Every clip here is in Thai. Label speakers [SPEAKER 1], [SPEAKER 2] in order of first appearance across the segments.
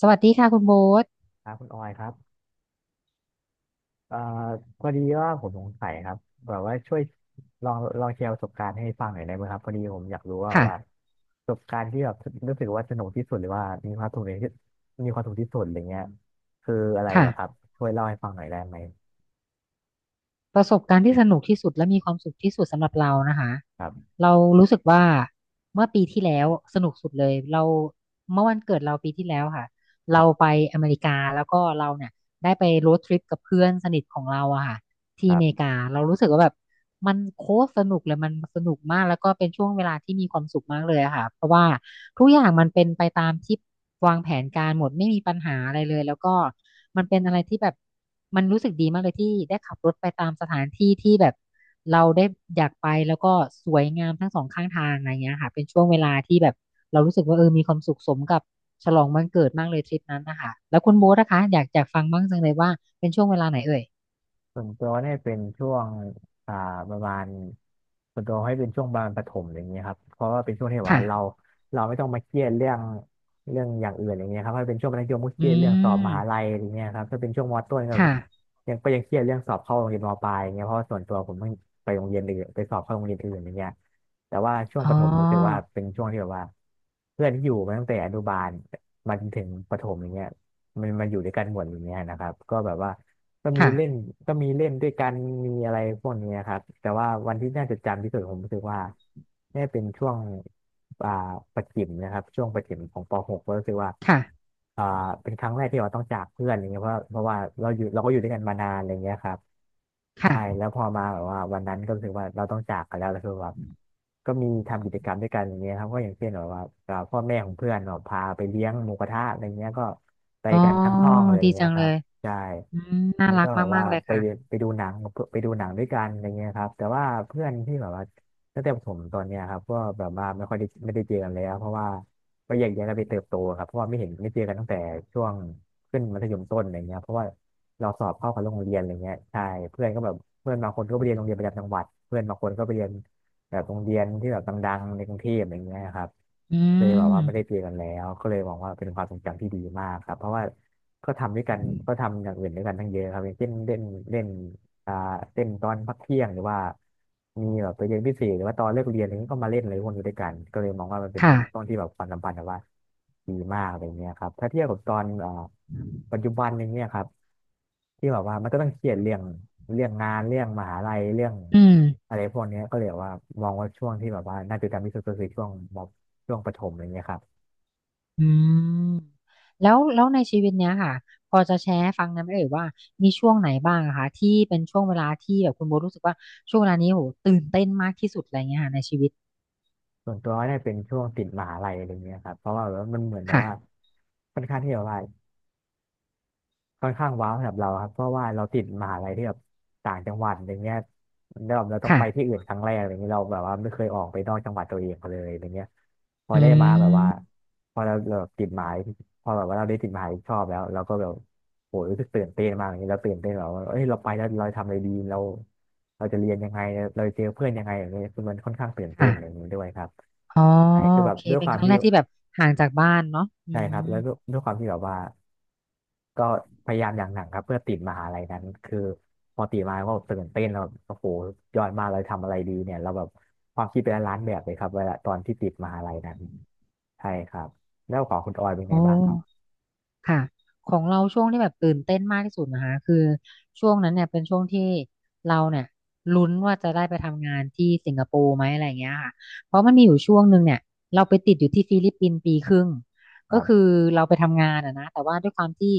[SPEAKER 1] สวัสดีค่ะคุณโบ๊ท
[SPEAKER 2] ครับคุณออยครับเอ่อพอดีว่าผมสงสัยครับแบบว่าช่วยลองแชร์ประสบการณ์ให้ฟังหน่อยได้ไหมครับพอดีผมอยากรู้ว่าแบบ
[SPEAKER 1] ค่ะ
[SPEAKER 2] ว่าประสบการณ์ที่แบบรู้สึกว่าสนุกที่สุดหรือว่ามีความสุขในที่มีความสุขที่สุดอะไรเงี้ยคืออะไรเหรอครับ
[SPEAKER 1] ค่ะ
[SPEAKER 2] ช่วยเล่าให้ฟังหน่อยได้ไหม
[SPEAKER 1] ประสบการณ์ที่สนุกที่สุดและมีความสุขที่สุดสำหรับเรานะคะ
[SPEAKER 2] ครับ
[SPEAKER 1] เรารู้สึกว่าเมื่อปีที่แล้วสนุกสุดเลยเราเมื่อวันเกิดเราปีที่แล้วค่ะเรา
[SPEAKER 2] ค
[SPEAKER 1] ไปอเมริกาแล้วก็เราเนี่ยได้ไปโรดทริปกับเพื่อนสนิทของเราอะค่ะที่อ
[SPEAKER 2] รับ
[SPEAKER 1] เมริกาเรารู้สึกว่าแบบ มันโคตรสนุกเลยมันสนุกมากแล้วก็เป็นช่วงเวลาที่มีความสุขมากเลยอะค่ะเพราะว่าทุกอย่างมันเป็นไปตามที่วางแผนการหมดไม่มีปัญหาอะไรเลยแล้วก็มันเป็นอะไรที่แบบมันรู้สึกดีมากเลยที่ได้ขับรถไปตามสถานที่ที่แบบเราได้อยากไปแล้วก็สวยงามทั้งสองข้างทางอะไรเงี้ยค่ะเป็นช่วงเวลาที่แบบเรารู้สึกว่าเออมีความสุขสมกับฉลองวันเกิดมากเลยทริปนั้นนะคะแล้วคุณโบ๊ทนะคะอยากฟังบ้างจังเลยว่าเป็นช่วงเวลาไหนเอ่ย
[SPEAKER 2] ส่วนตัวให้เป็นช่วงอ่าประมาณส่วนตัวให้เป็นช่วงประมาณประถมอย่างเงี้ยครับเพราะว่าเป็นช่วงที่แบบว่า
[SPEAKER 1] ค่ะ
[SPEAKER 2] เราไม่ต้องมาเครียดเรื่องอย่างอื่นอย่างเงี้ยครับถ้าเป็นช่วงมัธยมก็เค
[SPEAKER 1] อื
[SPEAKER 2] รียดเรื่องสอบม
[SPEAKER 1] ม
[SPEAKER 2] หาลัยอย่างเงี้ยครับถ้าเป็นช่วงมต้นก็
[SPEAKER 1] ค่ะ
[SPEAKER 2] ยังเครียดเรื่องสอบเข้าโรงเรียนมปลายอย่างเงี้ยเพราะว่าส่วนตัวผมเพิ่งไปโรงเรียนอื่นไปสอบเข้าโรงเรียนอื่นอย่างเงี้ยแต่ว่าช่วง
[SPEAKER 1] อ๋
[SPEAKER 2] ประถมรู้สึกว่า
[SPEAKER 1] อ
[SPEAKER 2] เป็นช่วงที่แบบว่าเพื่อนที่อยู่มาตั้งแต่อนุบาลมาจนถึงประถมอย่างเงี้ยมันมาอยู่ด้วยกันหมดอย่างเงี้ยนะครับก็แบบว่า ก็มี
[SPEAKER 1] ค่ะ
[SPEAKER 2] เล่นก็มีเล่นด้วยกันมีอะไรพวกนี้ครับแต่ว่าวันที่น่าจดจำที่สุดผมรู้สึกว่าเนี่ยเป็นช่วงอ่าประถมนะครับช่วงประถมของป .6 กก็รู้สึกว่า
[SPEAKER 1] ค่ะ
[SPEAKER 2] อ่าเป็นครั้งแรกที่เราต้องจากเพื่อนอย่างเงี้ยเพราะว่าเราก็อยู่ด้วยกันมานานอะไรเงี้ยครับใช่
[SPEAKER 1] ค่ะ
[SPEAKER 2] แล้วพอมาแบบว่าวันนั้นก็รู้สึกว่าเราต้องจากกันแล้วแล้วคือแบบก็มีทำกิจกรรมด้วยกันอย่างเงี้ยครับก็อย่างเช่นแบบว่าพ่อแม่ของเพื่อนเนาะพาไปเลี้ยงหมูกระทะอะไรเงี้ยก็ไป
[SPEAKER 1] อ๋อ
[SPEAKER 2] กันทั้งห้องอะไร
[SPEAKER 1] ดี
[SPEAKER 2] เงี้
[SPEAKER 1] จั
[SPEAKER 2] ย
[SPEAKER 1] ง
[SPEAKER 2] ค
[SPEAKER 1] เล
[SPEAKER 2] รับ
[SPEAKER 1] ย
[SPEAKER 2] ใช่
[SPEAKER 1] อืมน่า
[SPEAKER 2] แล้ว
[SPEAKER 1] รั
[SPEAKER 2] ก็
[SPEAKER 1] ก
[SPEAKER 2] แบบว่า
[SPEAKER 1] มากๆเลย
[SPEAKER 2] ไป
[SPEAKER 1] ค่ะ
[SPEAKER 2] ไปดูหนังไปดูหนังด้วยกันอะไรเงี้ยครับแต่ว่าเพื่อนที่แบบว่าตั้งแต่ผมตอนเนี้ยครับก็แบบว่าไม่ค่อยได้ไม่ได้เจอกันแล้วเพราะว่าก็แยกย้ายกันไปเติบโตครับเพราะว่าไม่เจอกันตั้งแต่ช่วงขึ้นมัธยมต้นอะไรเงี้ยเพราะว่าเราสอบเข้ากับโรงเรียนอะไรเงี้ยใช่เพื่อนก็แบบเพื่อนบางคนก็ไปเรียนโรงเรียนประจำจังหวัดเพื่อนบางคนก็ไปเรียน แบบโรงเรียนที่แบบดังๆในกรุงเทพอะไรเงี้ยครับ
[SPEAKER 1] อื
[SPEAKER 2] เลยแบบ
[SPEAKER 1] ม
[SPEAKER 2] ว่าไม่ได้เจอกันแล้วก็เลยมองว่าเป็นความทรงจำที่ดีมากครับเพราะว่าก็ทำด้วยกันก็ทำอย่างอื่นด้วยกันทั้งเยอะครับอย่างเช่นเล่นเล่น อ่าเล่นตอนพักเที่ยงหรือว่ามีแบบไปเรียนพิเศษหรือว่าตอนเลิกเรียนอะไรเงี้ยก็มาเล่นอะไรพวกนี้ด้วยกันก็เลยมองว่ามันเป็น
[SPEAKER 1] ค่ะ
[SPEAKER 2] ช่วงที่แบบความสัมพันธ์แบบว่าดีมากอะไรเงี้ยครับถ้าเทียบกับตอนปัจจุบันอย่างเนี้ยครับที่แบบว่ามันก็ต้องเครียดเรื่องเรื่องงานเรื่องมหาลัยเรื่อง
[SPEAKER 1] อืม
[SPEAKER 2] อะไรพวกเนี้ยก็เลยแบบว่ามองว่าช่วงที่แบบว่าน่าจะจำที่สุดก็คือช่วงมช่วงประถมอะไรเงี้ยครับ
[SPEAKER 1] อืมแล้วในชีวิตเนี้ยค่ะ พอจะแชร์ให้ฟังนะไหมเอ่ยว่า มีช่วงไหนบ้างอะคะที่เป็นช่วงเวลาที่แบบคุณโบรู้สึกว่าช่วงเวลานี้โหตื่นเต้นมากที่สุดอะไรเงี้ยค่ะในชีวิต
[SPEAKER 2] ส่วนตัวน่าจะเป็นช่วงติดมหาลัยอะไรเงี้ยครับเพราะว่าแบบว่ามันเหมือนแบบว่า
[SPEAKER 1] ค่ะ
[SPEAKER 2] ค่อนข้างที่แบบว่า ค่อนข้างว้าวสำหรับเราครับเพราะว่าเราติดมหาลัยที่แบบต่างจังหวัดอย่างเงี้ยแล้วแบบเราต้อง
[SPEAKER 1] ค่ะ
[SPEAKER 2] ไปที่อื่นครั้งแรกอะไรเงี้ยเราแบบว่าไม่เคยออกไปนอกจังหวัดตัวเองเลยอะไาเงี้ยพอ
[SPEAKER 1] อื
[SPEAKER 2] ได้มาแบบว่า
[SPEAKER 1] ม
[SPEAKER 2] พอเราแบบติดหมายพอแบบว่าเราได้ติดหมายชอบแล้วเราก็แบบโหรู้สึกตื่นเต้นมากอย่างเงี้ยเราตื่นเต้นแบบว่าเอ้ยเราไปแล้วเราทำอะไรดีเราจะเรียนยังไงเราจะเจอเพื่อนยังไงอย่างเงี้ยคือมันค่อนข้างตื่นเต้น
[SPEAKER 1] ค่ะ
[SPEAKER 2] อย่างนี้ด้วยครับ
[SPEAKER 1] อ๋อ
[SPEAKER 2] ใช่คือ
[SPEAKER 1] โอ
[SPEAKER 2] แบบ
[SPEAKER 1] เค
[SPEAKER 2] ด้วย
[SPEAKER 1] เป็
[SPEAKER 2] ค
[SPEAKER 1] น
[SPEAKER 2] วา
[SPEAKER 1] ค
[SPEAKER 2] ม
[SPEAKER 1] รั้ง
[SPEAKER 2] ที่
[SPEAKER 1] แรกที่แบบห่างจากบ้านเนาะอื
[SPEAKER 2] ใช่ครับ
[SPEAKER 1] ม
[SPEAKER 2] แล้วด้วยความที่แบบว่าก็พยายามอย่างหนักครับเพื่อติดมหาลัยนั้นคือพอติดมาก็ตื่นเต้นแล้วแบบโอ้โหยอดมากเลยทำอะไรดีเนี่ยเราแบบความคิดเป็นล้านแบบเลยครับเวลาตอนที่ติดมหาลัยนั้นใช่ครับแล้วของคุณออยเป็นไง
[SPEAKER 1] โอ้
[SPEAKER 2] บ้างครับ
[SPEAKER 1] ค่ะของเราช่วงที่แบบตื่นเต้นมากที่สุดนะคะคือช่วงนั้นเนี่ยเป็นช่วงที่เราเนี่ยลุ้นว่าจะได้ไปทำงานที่สิงคโปร์ไหมอะไรเงี้ยค่ะเพราะมันมีอยู่ช่วงหนึ่งเนี่ยเราไปติดอยู่ที่ฟิลิปปินส์ปีครึ่ง
[SPEAKER 2] ค
[SPEAKER 1] ก็
[SPEAKER 2] รั
[SPEAKER 1] คื
[SPEAKER 2] บ
[SPEAKER 1] อเราไปทำงานอะนะแต่ว่าด้วยความที่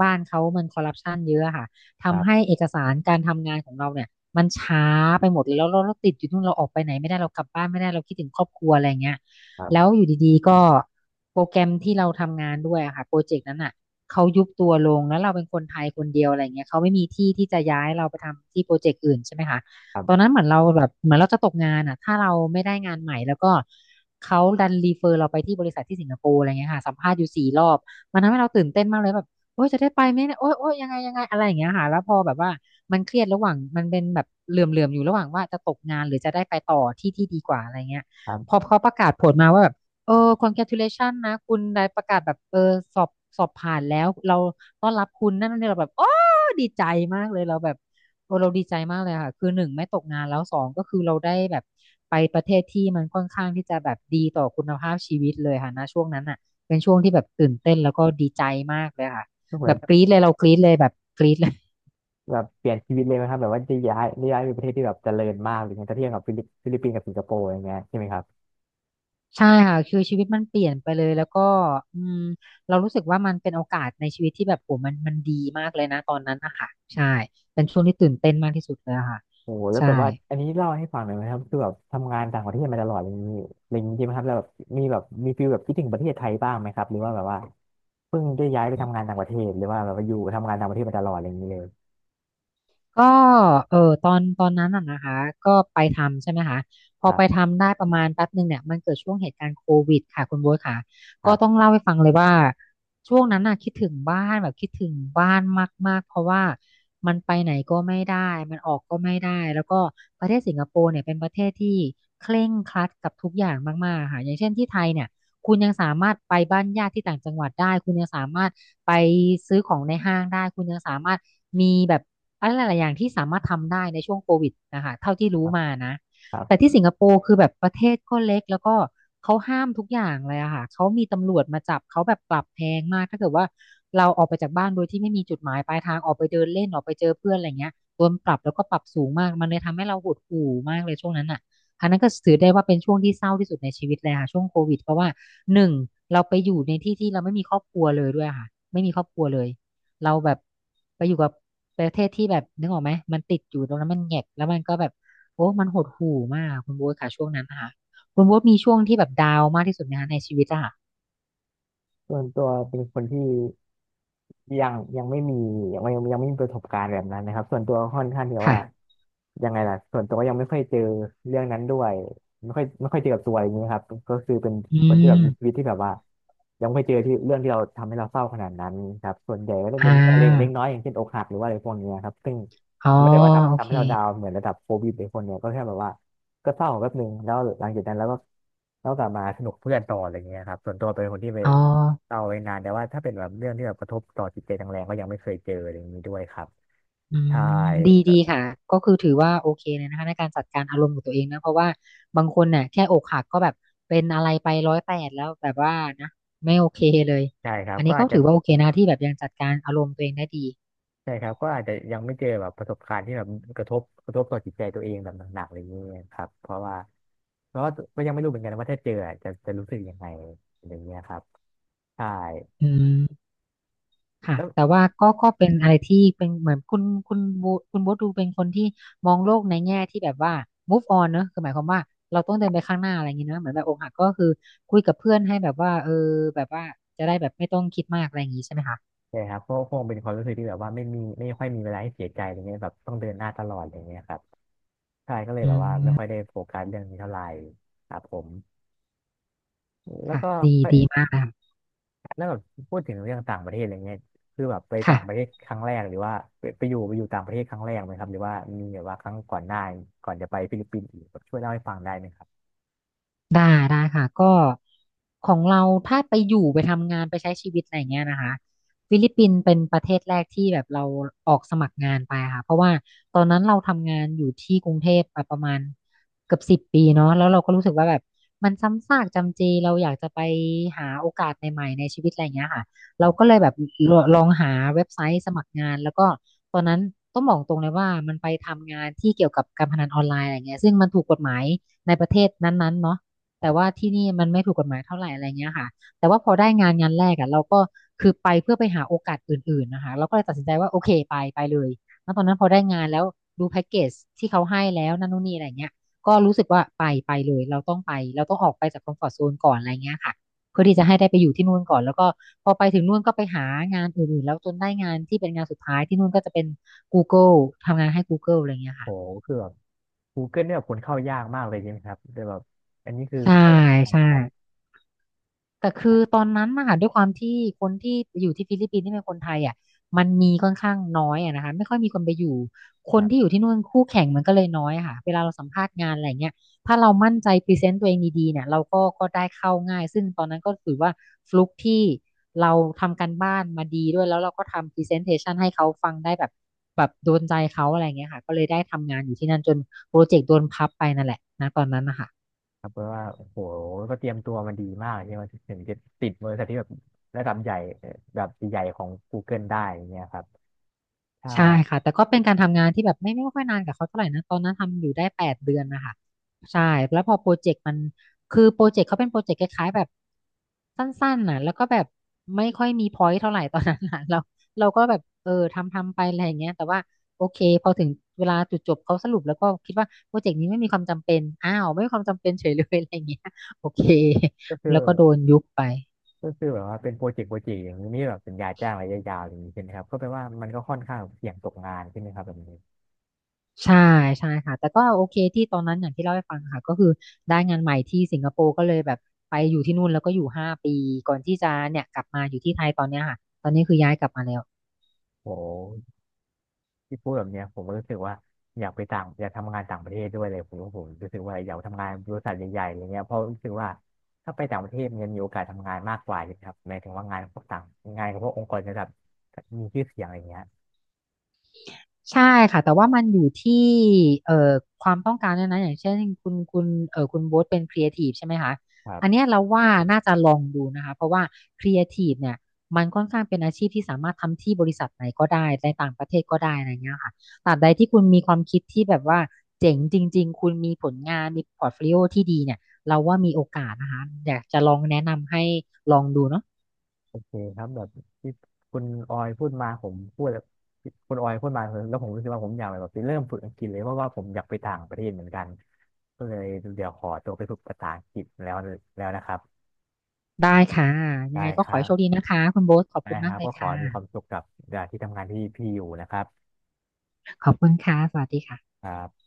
[SPEAKER 1] บ้านเขามันคอร์รัปชันเยอะอะค่ะ
[SPEAKER 2] ครั
[SPEAKER 1] ทำให้
[SPEAKER 2] บ
[SPEAKER 1] เอกสารการทำงานของเราเนี่ยมันช้าไปหมดเลยแล้วเราติดอยู่นู่นเราออกไปไหนไม่ได้เรากลับบ้านไม่ได้เราคิดถึงครอบครัวอะไรเงี้ย
[SPEAKER 2] ครั
[SPEAKER 1] แล้ว
[SPEAKER 2] บ
[SPEAKER 1] อยู่ดีๆก็ โปรแกรมที่เราทำงานด้วยอะค่ะโปรเจกต์นั้นอ่ะเขายุบตัวลงแล้วเราเป็นคนไทยคนเดียวอะไรเงี้ยเขาไม่มีที่ที่จะย้ายเราไปทำที่โปรเจกต์อื่นใช่ไหมคะ
[SPEAKER 2] ครั
[SPEAKER 1] ตอนนั้
[SPEAKER 2] บ
[SPEAKER 1] นเหมือนเราแบบเหมือนเราจะตกงานอ่ะถ้าเราไม่ได้งานใหม่แล้วก็เขาดันรีเฟอร์เราไปที่บริษัทที่สิงคโปร์อะไรเงี้ยค่ะสัมภาษณ์อยู่สี่รอบมันทำให้เราตื่นเต้นมากเลยแบบโอ๊ยจะได้ไปไหมเนี่ยโอ๊ยโอ๊ยยังไงยังไงอะไรอย่างเงี้ยค่ะแล้วพอแบบว่ามันเครียดระหว่างมันเป็นแบบเหลื่อมๆอยู่ระหว่างว่าจะตกงานหรือจะได้ไปต่อที่ที่ดีกว่าอะไรเงี้ย
[SPEAKER 2] ครั
[SPEAKER 1] พอ
[SPEAKER 2] บ
[SPEAKER 1] เขาประกาศผลมาว่าแบบ เออ congratulation นะคุณได้ประกาศแบบเออสอบสอบผ่านแล้วเราต้อนรับคุณนั่นนี่เราแบบโอ้ดีใจมากเลยเราแบบโอ้เราดีใจมากเลยค่ะคือหนึ่งไม่ตกงานแล้วสองก็คือเราได้แบบไปประเทศที่มันค่อนข้างที่จะแบบดีต่อคุณภาพชีวิตเลยค่ะนะช่วงนั้นอ่ะเป็นช่วงที่แบบตื่นเต้นแล้วก็ดีใจมากเลยค่ะ
[SPEAKER 2] ก็เหมื
[SPEAKER 1] แบ
[SPEAKER 2] อน
[SPEAKER 1] บกรี๊ดเลยเรากรี๊ดเลยแบบกรี๊ดเลย
[SPEAKER 2] แบบเปลี่ยนชีวิตเลยไหมครับแบบว่าจะย้ายย้ายไปประเทศที่แบบเจริญมากหรือไงถ้าเทียบกับฟิลิปปินส์กับสิงคโปร์อย่างเงี้ยใช่ไหมครับ
[SPEAKER 1] ใช่ค่ะคือชีวิตมันเปลี่ยนไปเลยแล้วก็อืมเรารู้สึกว่ามันเป็นโอกาสในชีวิตที่แบบโหมันมันดีมากเลยนะตอนนั้นนะคะใช่เป็นช่วงที่ตื่นเต้นมากที่สุดเลยอะค่ะ
[SPEAKER 2] โอ้โหแล้ว
[SPEAKER 1] ใช่
[SPEAKER 2] แบบว่าอันนี้เล่าให้ฟังหน่อยไหมครับคือแบบทำงานต่างประเทศมาตลอดอะไรอย่างนี้อะไรอย่างนี้ใช่ไหมครับแล้วแบบมีแบบมีฟีลแบบคิดถึงประเทศไทยบ้างไหมครับหรือว่าแบบว่าเพิ่งได้ย้ายไปทำงานต่างประเทศหรือว่าแบบว่าอยู่ทำงานต่างประเทศมาตลอดอะไรอย่างนี้เลย
[SPEAKER 1] ก็เออตอนนั้นน่ะนะคะก็ไปทำใช่ไหมคะพ
[SPEAKER 2] ค
[SPEAKER 1] อ
[SPEAKER 2] รั
[SPEAKER 1] ไป
[SPEAKER 2] บ
[SPEAKER 1] ทำได้ประมาณแป๊บหนึ่งเนี่ยมันเกิดช่วงเหตุการณ์โควิดค่ะคุณโบ๊ทค่ะ
[SPEAKER 2] ค
[SPEAKER 1] ก็
[SPEAKER 2] รั
[SPEAKER 1] ต้อง
[SPEAKER 2] บ
[SPEAKER 1] เล่าให้ฟังเลยว่าช่วงนั้นน่ะคิดถึงบ้านแบบคิดถึงบ้านมากๆเพราะว่ามันไปไหนก็ไม่ได้มันออกก็ไม่ได้แล้วก็ประเทศสิงคโปร์เนี่ยเป็นประเทศที่เคร่งครัดกับทุกอย่างมากๆค่ะอย่างเช่นที่ไทยเนี่ย คุณยังสามารถไปบ้านญาติที่ต่างจังหวัดได้คุณยังสามารถไปซื้อของในห้างได้คุณยังสามารถมีแบบอะไรหลายๆอย่างที่สามารถทำได้ในช่วงโควิดนะคะเท่าที่
[SPEAKER 2] ค
[SPEAKER 1] รู้
[SPEAKER 2] รับ
[SPEAKER 1] มานะ
[SPEAKER 2] ครั
[SPEAKER 1] แต่
[SPEAKER 2] บ
[SPEAKER 1] ที่สิงคโปร์คือแบบประเทศก็เล็กแล้วก็เขาห้ามทุกอย่างเลยอะค่ะเขามีตำรวจมาจับเขาแบบปรับแพงมากถ้าเกิดว่าเราออกไปจากบ้านโดยที่ไม่มีจุดหมายปลายทางออกไปเดินเล่นออกไปเจอเพื่อนอะไรเงี้ยโดนปรับแล้วก็ปรับสูงมากมันเลยทำให้เราหดหู่มากเลยช่วงนั้นอะ อันนั้นก็ถือได้ว่าเป็นช่วงที่เศร้าที่สุดในชีวิตเลยค่ะช่วงโควิดเพราะว่าหนึ่งเราไปอยู่ในที่ที่เราไม่มีครอบครัวเลยด้วยค่ะไม่มีครอบครัวเลยเราแบบไปอยู่กับประเทศที่แบบนึกออกไหมมันติดอยู่ตรงนั้นมันแหงกแล้วมันก็แบบโอ้มันหดหู่มากคุณโบ๊ทค่ะช่วงนั้นนะคะคุณโบ๊ทมีช่วงที่แบบดาวน์มากที่สุดไหมคะในชีวิตอะค่ะ
[SPEAKER 2] ส่วนตัวเป็นคนที่ ยังไม่มียังไม่มีประสบการณ์แบบนั้นนะครับส่วนตัวค่อนข้างที่ว่า
[SPEAKER 1] ค่ะ
[SPEAKER 2] ยังไงล่ะส่วนตัวยังไม่ค่อยเจอเรื่องนั้นด้วยไม่ค่อยเจอกับตัวอะไรอย่างนี้ยครับก็คือเป็น
[SPEAKER 1] อื
[SPEAKER 2] คนที่แบบมีชี
[SPEAKER 1] ม
[SPEAKER 2] วิตที่แบบว่ายังไม่เจอที่เรื่องที่เราทำให้เราเศร้าขนาดนั้นครับส่วนใหญ่ก็จะ
[SPEAKER 1] อ่
[SPEAKER 2] เป็นเรื่องเล็ก
[SPEAKER 1] า
[SPEAKER 2] น้อยอย่างเช่นอกหักหรือว่าอะไรพวกเนี้ยครับซึ่ง
[SPEAKER 1] อ๋อ
[SPEAKER 2] มันไม่ได้ว่า
[SPEAKER 1] โอ
[SPEAKER 2] ทำ
[SPEAKER 1] เค
[SPEAKER 2] ให้เราดาวน์เหมือนระดับโควิดหรือคนเนี้ยก็แค่แบบว่าก็เศร้าแป๊บนึงแล้วหลังจากนั้นแล้วก็แล้วกลับมาสนุกเพื่อนต่ออะไรเงี้ยครับส่วนตัวเป็นคนที่ไป
[SPEAKER 1] อ๋อ
[SPEAKER 2] เอาไว้นานแต่ว่าถ้าเป็นแบบเรื่องที่แบบกระทบต่อจิตใจแรงๆก็ยังไม่เคยเจออะไรอย่างนี้ด้วยครับ
[SPEAKER 1] อื
[SPEAKER 2] ใช่
[SPEAKER 1] มดี
[SPEAKER 2] ก็
[SPEAKER 1] ดีค่ะก็คือถือว่าโอเคเลยนะคะในการจัดการอารมณ์ของตัวเองนะเพราะว่าบางคนเนี่ยแค่อกหักก็แบบเป็นอะไรไปร้อยแปดแล้วแบบว่านะไม่โอเคเลย
[SPEAKER 2] ใช่ครับ
[SPEAKER 1] อัน
[SPEAKER 2] ก็
[SPEAKER 1] นี้ก็
[SPEAKER 2] อาจจะ
[SPEAKER 1] ถือว่าโอเคนะที่แบบยังจัดการอารมณ์ตัวเองได้ดี
[SPEAKER 2] ใช่ครับก็อาจจะยังไม่เจอแบบประสบการณ์ที่แบบกระทบต่อจิตใจตัวเองแบบหนักๆอะไรอย่างนี้ครับเพราะว่าก็ยังไม่รู้เหมือนกันว่าถ้าเจออะจะรู้สึกยังไงอะไรอย่างเงี้ยครับใช่
[SPEAKER 1] อืมค่ะ
[SPEAKER 2] แล้ว
[SPEAKER 1] แต่ว่าก็เป็นอะไรที่เป็นเหมือนคุณโบคุณโบทดูเป็นคนที่มองโลกในแง่ที่แบบว่า move on เนอะคือหมายความว่าเราต้องเดินไปข้างหน้าอะไรอย่างงี้เนอะเหมือนแบบอกหักก็คือคุยกับเพื่อนให้แบบว่าเออแบบว่าจะได้แบบไม่ต้องคิดมากอะไรอย่างงี้ใช่ไหมคะ
[SPEAKER 2] ใช่ครับก็คงเป็นความรู้สึกที่แบบว่าไม่มีไม่ค่อยมีเวลาให้เสียใจอะไรเงี้ยแบบต้องเดินหน้าตลอดอะไรอย่างเงี้ยครับใช่ก็เลยแบบ
[SPEAKER 1] อื
[SPEAKER 2] ว่าไม่ค่อยได้โฟกัสเรื่องนี้เท่าไหร่ครับผมแล้ว
[SPEAKER 1] ค่ะ
[SPEAKER 2] ก็
[SPEAKER 1] ดี ดีมากเลยค่ะ
[SPEAKER 2] แล้วแบบพูดถึงเรื่องต่างประเทศอะไรเงี้ยคือแบบไปต่างประเท
[SPEAKER 1] ค่ะ
[SPEAKER 2] ศครั้งแรกหรือว่าไปอยู่ต่างประเทศครั้งแรกไหมครับหรือว่ามีแบบว่าครั้งก่อนหน้าก่อนจะไปฟิลิปปินส์อีกแบบช่วยเล่าให้ฟังได้ไหมครับ
[SPEAKER 1] ได้ได้ค่ะก็ของเราถ้าไปอยู่ไปทำงานไปใช้ชีวิตอะไร่เงี้ยนะคะฟิลิปปินส์เป็นประเทศแรกที่แบบเราออกสมัครงานไปค่ะเพราะว่าตอนนั้นเราทำงานอยู่ที่กรุงเทพมาประมาณเกือบสิบปีเนาะแล้วเราก็รู้สึกว่าแบบมันซ้ำซากจำเจเราอยากจะไปหาโอกาสใหม่ๆในชีวิตอะไรเงี้ยค่ะ
[SPEAKER 2] ค
[SPEAKER 1] เรา
[SPEAKER 2] รั
[SPEAKER 1] ก็
[SPEAKER 2] บ
[SPEAKER 1] เลยแบบองหาเว็บไซต์สมัครงานแล้วก็ตอนนั้นต้องบอกตรงเลยว่ามันไปทำงานที่เกี่ยวกับการพนันออนไลน์อะไรเงี้ยซึ่งมันถูกกฎหมายในประเทศนั้นๆเนาะ
[SPEAKER 2] ค
[SPEAKER 1] แต่
[SPEAKER 2] รั
[SPEAKER 1] ว่า
[SPEAKER 2] บ
[SPEAKER 1] ที่นี่มันไม่ถูกกฎหมายเท่าไหร่อะไรเงี้ยค่ะแต่ว่าพอได้งานงานแรกอ่ะเราก็คือไปเพื่อไปหาโอกาสอื่นๆนะคะเราก็เลยตัดสินใจว่าโอเคไปไปเลยแล้วตอนนั้นพอได้งานแล้วดูแพ็กเกจที่เขาให้แล้วนั่นนู่นนี่อะไรเงี้ยก็รู้สึกว่าไปไปเลยเราต้องไปเราต้องออกไปจากคอมฟอร์ z โซนก่อนอะไรเงี้ยค่ะเพื่อที่จะให้ได้ไปอยู่ที่นู่นก่อนแล้วก็พอไปถึงนู่นก็ไปหางานอื่นๆแล้วจนได้งานที่เป็นงานสุดท้ายที่นู่นก็จะเป็น Google ทำงานให้ Google อะไรเงี้ย
[SPEAKER 2] โห
[SPEAKER 1] ค่ะ
[SPEAKER 2] คือแบบ Google เนี่ยแบบคนเข้ายากมากเลยใช่ไหมครับแต่แบบอันนี้คือ
[SPEAKER 1] ใช่
[SPEAKER 2] เข้าได้ครับ
[SPEAKER 1] ใช่
[SPEAKER 2] ครับ
[SPEAKER 1] แต่คือตอนนั้นนะคะด้วยความที่คนที่อยู่ที่ฟิลิปปินส์ที่เป็นคนไทยอ่ะมันมีค่อนข้างน้อยอะนะคะไม่ค่อยมีคนไปอยู่ค
[SPEAKER 2] ค
[SPEAKER 1] น
[SPEAKER 2] รั
[SPEAKER 1] ที่อ
[SPEAKER 2] บ
[SPEAKER 1] ยู่ที่นู่นคู่แข่งมันก็เลยน้อยอะค่ะเวลาเราสัมภาษณ์งานอะไรเงี้ยถ้าเรามั่นใจพรีเซนต์ตัวเองดีๆเนี่ยเราก็ได้เข้าง่ายซึ่งตอนนั้นก็ถือว่าฟลุกที่เราทำการบ้านมาดีด้วยแล้วเราก็ทำพรีเซนเทชันให้เขาฟังได้แบบแบบโดนใจเขาอะไรเงี้ยค่ะก็เลยได้ทำงานอยู่ที่นั่นจนโปรเจกต์โดนพับไปนั่นแหละนะตอนนั้นนะคะ
[SPEAKER 2] ครับเพราะว่าโอ้โหก็เตรียมตัวมาดีมากใช่ไหมถึงจะติดบริษัทที่แบบระดับใหญ่เอ่อแบบใหญ่ของ Google ได้อย่างเงี้ยครับใช่
[SPEAKER 1] ใช่
[SPEAKER 2] ครับ
[SPEAKER 1] ค่ะแต่ก็เป็นการทำงานที่แบบไม่ค่อยนานกับเขาเท่าไหร่นะตอนนั้นทำอยู่ได้แปดเดือนนะคะใช่แล้วพอโปรเจกต์มันคือโปรเจกต์เขาเป็นโปรเจกต์คล้ายๆแบบสั้นๆน่ะแล้วก็แบบไม่ค่อยมีพอยต์เท่าไหร่ ตอนนั้นน่ะเราเราก็แบบเออทำไปอะไรอย่างเงี้ยแต่ว่าโอเคพอถึงเวลาจุดจบเขาสรุปแล้วก็คิดว่าโปรเจกต์นี้ไม่มีความจำเป็นอ้าวไม่มีความจำเป็นเฉยเลยอะไรอย่างเงี้ยโอเค
[SPEAKER 2] ก็คือ
[SPEAKER 1] แล้วก็โดนยุบไป
[SPEAKER 2] ก็คือแบบว่าเป็นโปรเจกต์อย่างนี้แบบสัญญาจ้างระยะยาวอย่างนี้ใช่ไหมครับก็แปลว่ามันก็ค่อนข้างเสี่ยงตกงานใช่ไหมครับแบบนี้
[SPEAKER 1] ใช่ใช่ค่ะแต่ก็โอเคที่ตอนนั้นอย่างที่เล่าให้ฟังค่ะก็คือได้งานใหม่ที่สิงคโปร์ก็เลยแบบไปอยู่ที่นู่นแล้วก็อยู่ห้าปีก่อนที่จะเนี่ยกลับมาอยู่ที่ไทยตอนเนี้ยค่ะตอนนี้คือย้ายกลับมาแล้ว
[SPEAKER 2] โอ้หที่พูดแบบเนี้ยผมก็รู้สึกว่าอยากไปต่างอยากทำงานต่างประเทศด้วยเลยผมว่าผมรู้สึกว่าอยากทำงานบริษัทใหญ่ๆอะไรเงี้ยเพราะรู้สึกว่าถ้าไปต่างประเทศมันจะมีโอกาสทำงานมากกว่าใช่ไหมครับหมายถึงว่างานพวกต่างงานกับพวกองค์กรระดับมีชื่อเสียงอะไรเงี้ย
[SPEAKER 1] ใช่ค่ะแต่ว่ามันอยู่ที่เอ่อความต้องการด้วยนะอย่างเช่นคุณโบ๊ทเป็นครีเอทีฟใช่ไหมคะ
[SPEAKER 2] คร
[SPEAKER 1] อัน
[SPEAKER 2] ั
[SPEAKER 1] เนี้
[SPEAKER 2] บ
[SPEAKER 1] ยเราว่าน่าจะลองดูนะคะเพราะว่าครีเอทีฟเนี่ยมันค่อนข้างเป็นอาชีพที่สามารถทำที่บริษัทไหนก็ได้ในต่างประเทศก็ได้อะไรเงี้ยค่ะตราบใดที่คุณมีความคิดที่แบบว่าเจ๋งจริงๆคุณมีผลงานมีพอร์ตโฟลิโอที่ดีเนี่ยเราว่ามีโอกาสนะคะอยากจะลองแนะนำให้ลองดูเนาะ
[SPEAKER 2] โอเคครับแบบที่คุณออยพูดมาผมพูดแบบคุณออยพูดมาแล้วผมรู้สึกว่าผมอยากแบบไปเริ่มฝึกอังกฤษเลยเพราะว่าผมอยากไปต่างประเทศเหมือนกันก็เลยเดี๋ยวขอตัวไปฝึกภาษาอังกฤษแล้วแล้วนะครับ
[SPEAKER 1] ได้ค่ะยั
[SPEAKER 2] ได้
[SPEAKER 1] งไงก็
[SPEAKER 2] ค
[SPEAKER 1] ขอ
[SPEAKER 2] รั
[SPEAKER 1] ให้โชคดี
[SPEAKER 2] บ
[SPEAKER 1] นะคะคุณโบ๊ทขอบ
[SPEAKER 2] ได้
[SPEAKER 1] คุณ
[SPEAKER 2] ค
[SPEAKER 1] มาก
[SPEAKER 2] รับ
[SPEAKER 1] เล
[SPEAKER 2] ก็
[SPEAKER 1] ย
[SPEAKER 2] ขอให้มีความ
[SPEAKER 1] ค่ะ
[SPEAKER 2] สุขกับที่ทำงานที่พี่อยู่นะครับ
[SPEAKER 1] ขอบคุณค่ะสวัสดีค่ะ